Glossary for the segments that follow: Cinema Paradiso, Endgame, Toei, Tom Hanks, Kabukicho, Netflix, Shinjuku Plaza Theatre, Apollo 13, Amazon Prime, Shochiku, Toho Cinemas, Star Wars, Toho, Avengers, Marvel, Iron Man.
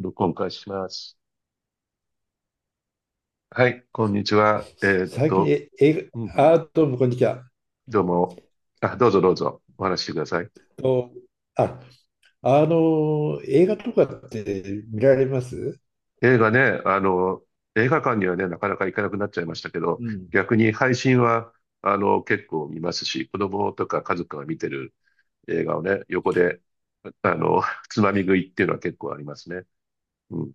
録音開始します。はい、こんにちは。最近え映うんう画、ん、あ、どうもこんにちは。どうも。あ、どうぞどうぞ、お話ししてください。と、あ、あの、映画とかって見られます？ 映画ね、映画館にはね、なかなか行かなくなっちゃいましたけ ど、うん、逆に配信は、結構見ますし、子供とか家族が見てる映画をね、横で、あの、つまみ食いっていうのは結構ありますね。うん、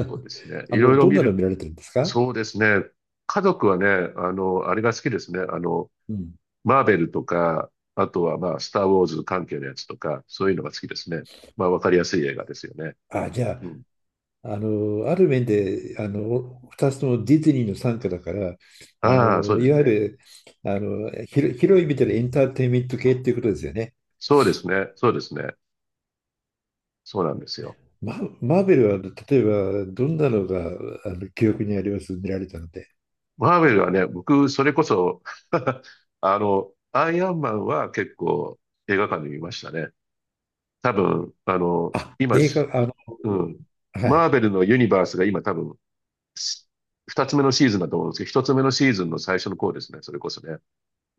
そうですね。いろいろどん見なのる、見られてるんですか？そうですね。家族はね、あれが好きですね。うん。マーベルとか、あとはまあ、スター・ウォーズ関係のやつとか、そういうのが好きですね。まあ、わかりやすい映画ですよね。あ、じゃうん。あ、ある面で、2つともディズニーの傘下だから、ああ、そうでいすわゆね。る、広い意味でのエンターテインメント系っていうことですよね。そうですね。そうですね。そうなんですよ。マーベルは、例えば、どんなのが、記憶にあります？見られたので。マーベルはね、僕、それこそ アイアンマンは結構映画館で見ましたね。多分、あ、映画、あの、うん。はマーい。ベルのユニバースが今多分、し二つ目のシーズンだと思うんですけど、一つ目のシーズンの最初の頃ですね。それこそね。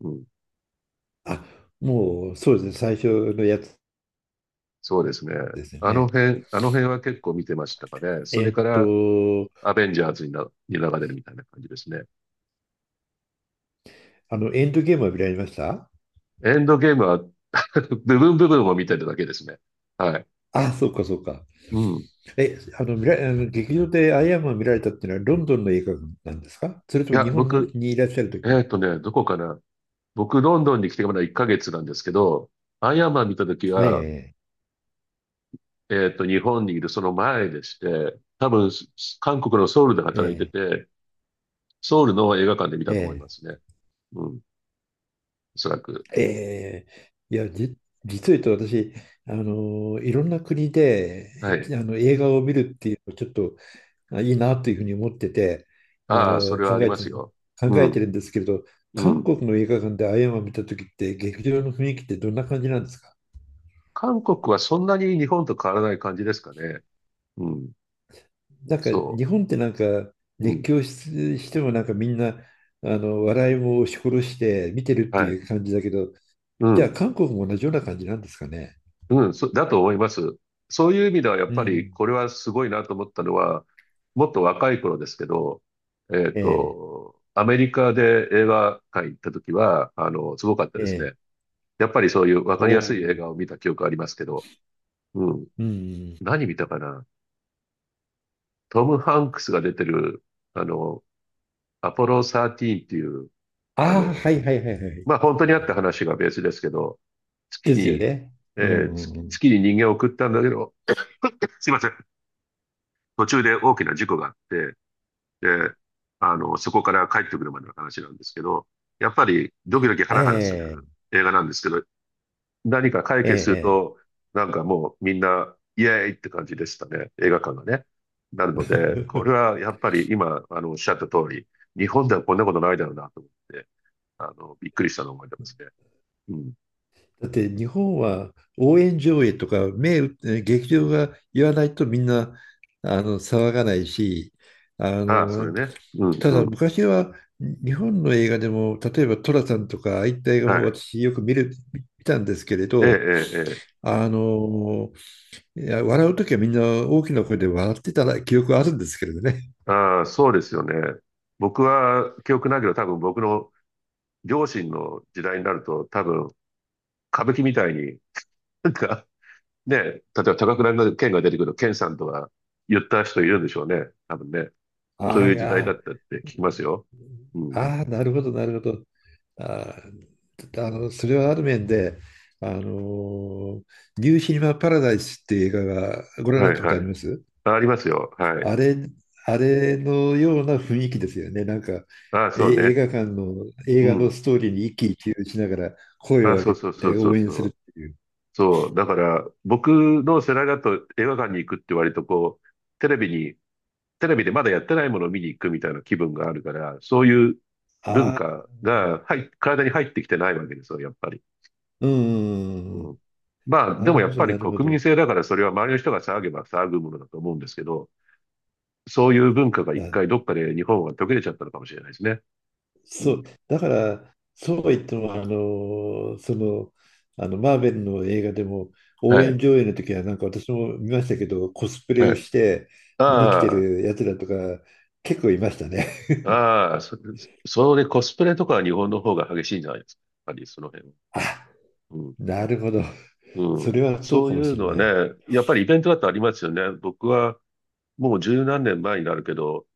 うん。あ、もうそうですね、最初のやつそうですね。ですよね。あの辺は結構見てましたかね。そえれーかっら、と、アベンジャーズに流れるみたいな感じですね。エンドゲームは見られました？エンドゲームは 部分部分を見てるだけですね。はい。あ、そうかそうか。うん。いえ、あの、見ら、あの劇場でアイアンマン見られたっていうのはロンドンの映画なんですか、それとも日や、本の僕、にいらっしゃるとき？どこかな。僕、ロンドンに来てまだ1ヶ月なんですけど、アイアンマン見たときは、え日本にいるその前でして、多分、韓国のソウルでえ、働いえてえ、て、ソウルの映画館で見たと思いまえすね。うん。おそらく。え、ええ、いや、実を言うと私、いろんな国で、はい。映画を見るっていうのをちょっとあいいなというふうに思ってて、あああ、その、れ考はありえまて、すよ。考うえてん。るんですけれど、う韓ん。国の映画館でアイアンマン見た時って劇場の雰囲気ってどんな感じなんですか？韓国はそんなに日本と変わらない感じですかね。うん。なんかそ日本ってなんかう。う熱ん。狂し、してもなんかみんなあの笑いも押し殺して見てるっはてい。いう感じだけど、うじゃあん。韓国も同じような感じなんですかね。うん。だと思います。そういう意味ではやっうぱりん。これはすごいなと思ったのは、もっと若い頃ですけど、えアメリカで映画館行った時は、すごかったえ、でえすね。え。やっぱりそういうわおかりやすお。い映画を見た記憶ありますけど、うん。うん。何見たかな、トム・ハンクスが出てる、あの、アポロ13っていう、あああ、の、はいはいはいはい。まあ本当にあった話がベースですけど、月ですよに、ね。えうんーう月、んうん。月に人間を送ったんだけど、すいません。途中で大きな事故があって、で、そこから帰ってくるまでの話なんですけど、やっぱりドキドキハラハラすえる映画なんですけど、何か解え、え決するえ、と、なんかもうみんな、イエーイって感じでしたね。映画館がね。なのえで、これえ。はやっぱり今、おっしゃった通り、日本ではこんなことないだろうなと思って、びっくりしたのを覚えてますね。うん。だって日本は応援上映とか目打って劇場が言わないとみんな騒がないし、あああ、それのね。うんたうだん。昔は日本の映画でも例えば寅さんとかああいった映画はもい。私よく見たんですけれええ、えど、え、ええ。あのいや笑う時はみんな大きな声で笑ってたら記憶はあるんですけれどね。ああ、そうですよね。僕は記憶ないけど、多分僕の両親の時代になると、多分歌舞伎みたいに、なんかね、例えば高倉の剣が出てくる剣さんとか言った人いるんでしょうね。多分ね。そあうあ、いいう時代だっやたって聞ー、きますよ。うん。ああ、なるほど、なるほど。ああ、それはある面で、あのーニューシネマ・パラダイスっていう映画がご覧になはっいたこはとありい。ます？あ、ありますよ。はい。あれ、あれのような雰囲気ですよね。なんか、ああ、えそう映ね。画館の、映う画のん。ストーリーに一喜一憂しながら声ああ、をそう上げそうそうてそう応援そするう。っていう。そう、だから僕の世代だと映画館に行くって割とこう、テレビに、テレビでまだやってないものを見に行くみたいな気分があるから、そういう文ああ、化が体に入ってきてないわけですよ、やっぱり。うんうんううん、ん。まあ、でなもるやほっど、ぱりなるほ国ど。民性だからそれは周りの人が騒げば騒ぐものだと思うんですけど、そういう文化が一回どっかで日本は途切れちゃったのかもしれないですね。うそう、ん。だから、そうは言っても、マーベルの映画でも、は応援い。上映の時は、なんか私も見ましたけど、コスプレはをい。して、見に来てあるやつらとか、結構いましたね。あ、ああ、それ、コスプレとかは日本の方が激しいんじゃないですか。やっぱりその辺は。あ、うんなるほど。そうん。れはそうそかういもしうのれはない。ね、やっぱりイベントだとありますよね。僕はもう十何年前になるけど、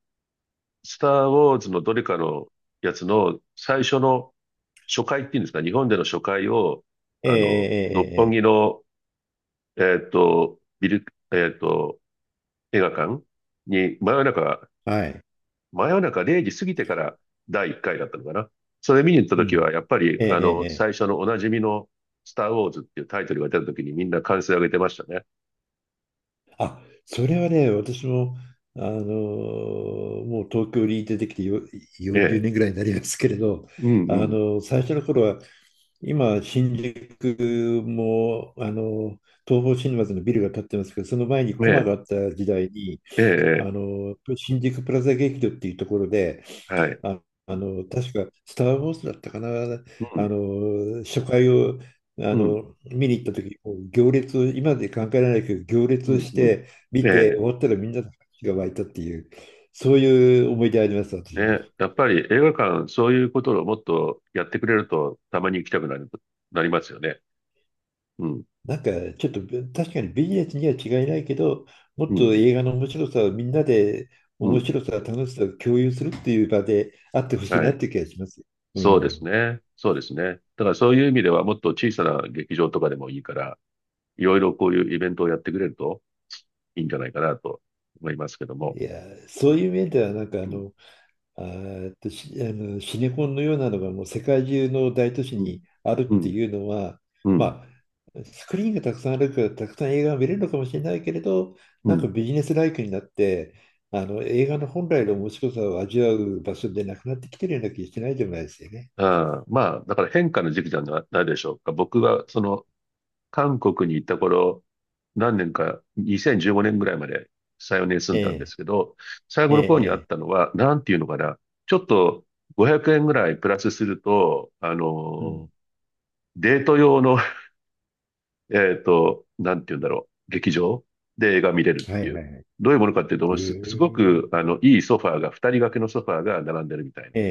スター・ウォーズのどれかのやつの最初の初回っていうんですか、日本での初回を、六本えええ木の、ビル、えっと、映画館にえええええ、はい。真夜中0時過ぎてから第1回だったのかな。それ見に行ったう時ん。は、やっぱり、ええええええ、最初のおなじみのスター・ウォーズっていうタイトルが出た時にみんな歓声を上げてましたね。あ、それはね、私も、もう東京に出てきてよえ40え。年ぐらいになりますけれど、うあのんうん。最初の頃は、今、新宿も、ー東宝シネマズのビルが建ってますけど、その前にえコマがえ、あった時代に、ええ、え新宿プラザ劇場っていうところで、え、はい。あ、確か、スター・ウォーズだったかな、うん、初回を、うん、見に行った時、もう行列を、今まで考えられないけど、行う列をん、しうん。て、え見て、え、終わったらみんなの拍手が湧いたっていう、そういう思い出あります、私も。ね。やっぱり映画館、そういうことをもっとやってくれると、たまに行きたくなる、なりますよね。うん、なんか、ちょっと、確かにビジネスには違いないけど、もうっん、とうん、映画の面白さをみんなで、う面ん。白さ、楽しさを共有するっていう場であってほしいはなっい。ていう気がします。うそうですん。ね。そうですね。だからそういう意味では、もっと小さな劇場とかでもいいから、いろいろこういうイベントをやってくれるといいんじゃないかなと思いますけども。いや、そういう面では、なんか、あうん、の、あーえっと、しあの、シネコンのようなのがもう世界中の大都市うん、にあるうってん、いうのは、うん、まあ、スクリーンがたくさんあるからたくさん映画が見れるのかもしれないけれど、うなんかん。ビジネスライクになって、あの映画の本来の面白さを味わう場所でなくなってきてるような気がしないでもないですよね。ああ、まあ、だから変化の時期じゃなないでしょうか。僕は、韓国に行った頃、何年か、2015年ぐらいまで3、4年住えんだんでえ、すけど、最え後え、の方にあっええ、たのは、なんていうのかな、ちょっと500円ぐらいプラスすると、うん。デート用の、なんていうんだろう、劇場で映画見れるっはていいはう。いはい。どういうものかっていうへと、すごえく、いいソファーが、二人掛けのソファーが並んでるみたいな。ええ、ええ、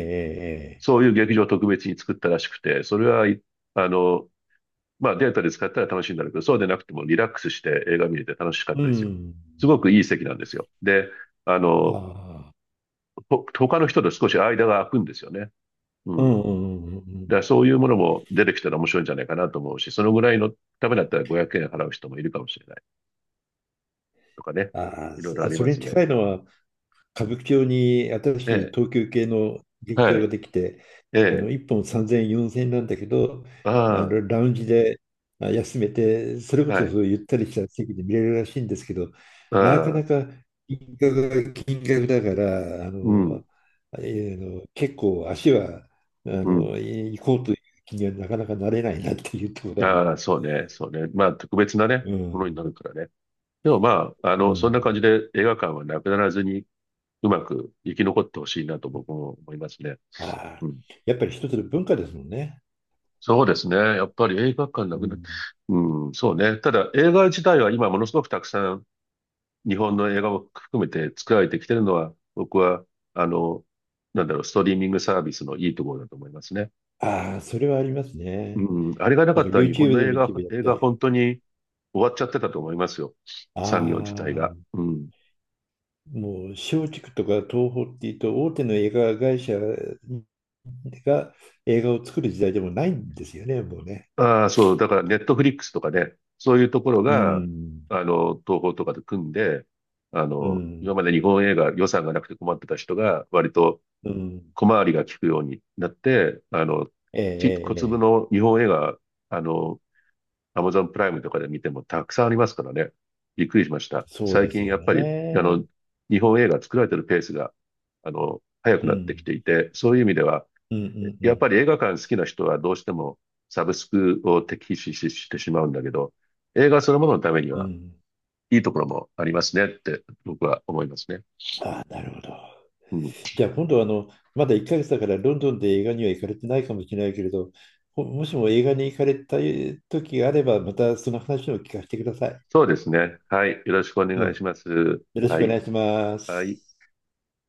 ええ、そういう劇場を特別に作ったらしくて、それは、いあの、まあデータで使ったら楽しいんだろうけど、そうでなくてもリラックスして映画見れて楽しかっうたですよ。ん。すごくいい席なんですよ。で、ああの、あ、他の人と少し間が空くんですよね。ううん。だん、うん、うんうんうん。からそういうものも出てきたら面白いんじゃないかなと思うし、そのぐらいのためだったら500円払う人もいるかもしれないとかね。あいろいろありそまれすに近ね。いのは、歌舞伎町に新えしいえ、東急系の劇は場がい。できて、ええ、1本3000円、4000円なんだけど、あラウンジで休めて、それこあ、はそい。そういうゆったりした席で見れるらしいんですけど、あなかあ、なか金額が金額だから、あうん、の、えーの結構足はあうん。のい行こうという気にはなかなかなれないなっていうところがあり、ああ、そうね、そうね。まあ、特別なね、うものになん、るからね。でもまあ、うそんなん、感じで映画館はなくならずにうまく生き残ってほしいなと僕も思いますね。ああ、うん。やっぱり一つの文化ですもんね。そうですね。やっぱり映画館うなくなって、ん、うん、そうね。ただ映画自体は今ものすごくたくさん日本の映画を含めて作られてきてるのは、僕は、あの、なんだろう、ストリーミングサービスのいいところだと思いますね。ああ、それはありますね。うん、あれがななかんか ったら日本 YouTube のでも一部やっ映た画り。本当に終わっちゃってたと思いますよ。あ産業自体が。あ、うん。もう松竹とか東宝っていうと大手の映画会社が映画を作る時代でもないんですよね、もうね。ああ、そう、だからネットフリックスとかね、そういうところうが、ん、東宝とかで組んで、う今ん、まで日本映画予算がなくて困ってた人が、割とうん。小回りが利くようになって、ええ、小ええ粒ええ、の日本映画、あの、アマゾンプライムとかで見てもたくさんありますからね。びっくりしました。そう最です近やよっぱり、ね。日本映画作られてるペースが、早うくなってきん、ていて、そういう意味では、うん、うん、うやっん。ぱり映画館好きな人はどうしてもサブスクを敵視してしまうんだけど、映画そのもののためにうはん、いいところもありますねって僕は思いますね。ああ、なるほど。うん。じゃあ今度はまだ1ヶ月だからロンドンで映画には行かれてないかもしれないけれど、もしも映画に行かれた時があれば、またその話を聞かせてください。そうですね。はい。よろしくおうん。願いします。よろしはくおい。願いしまはい。す。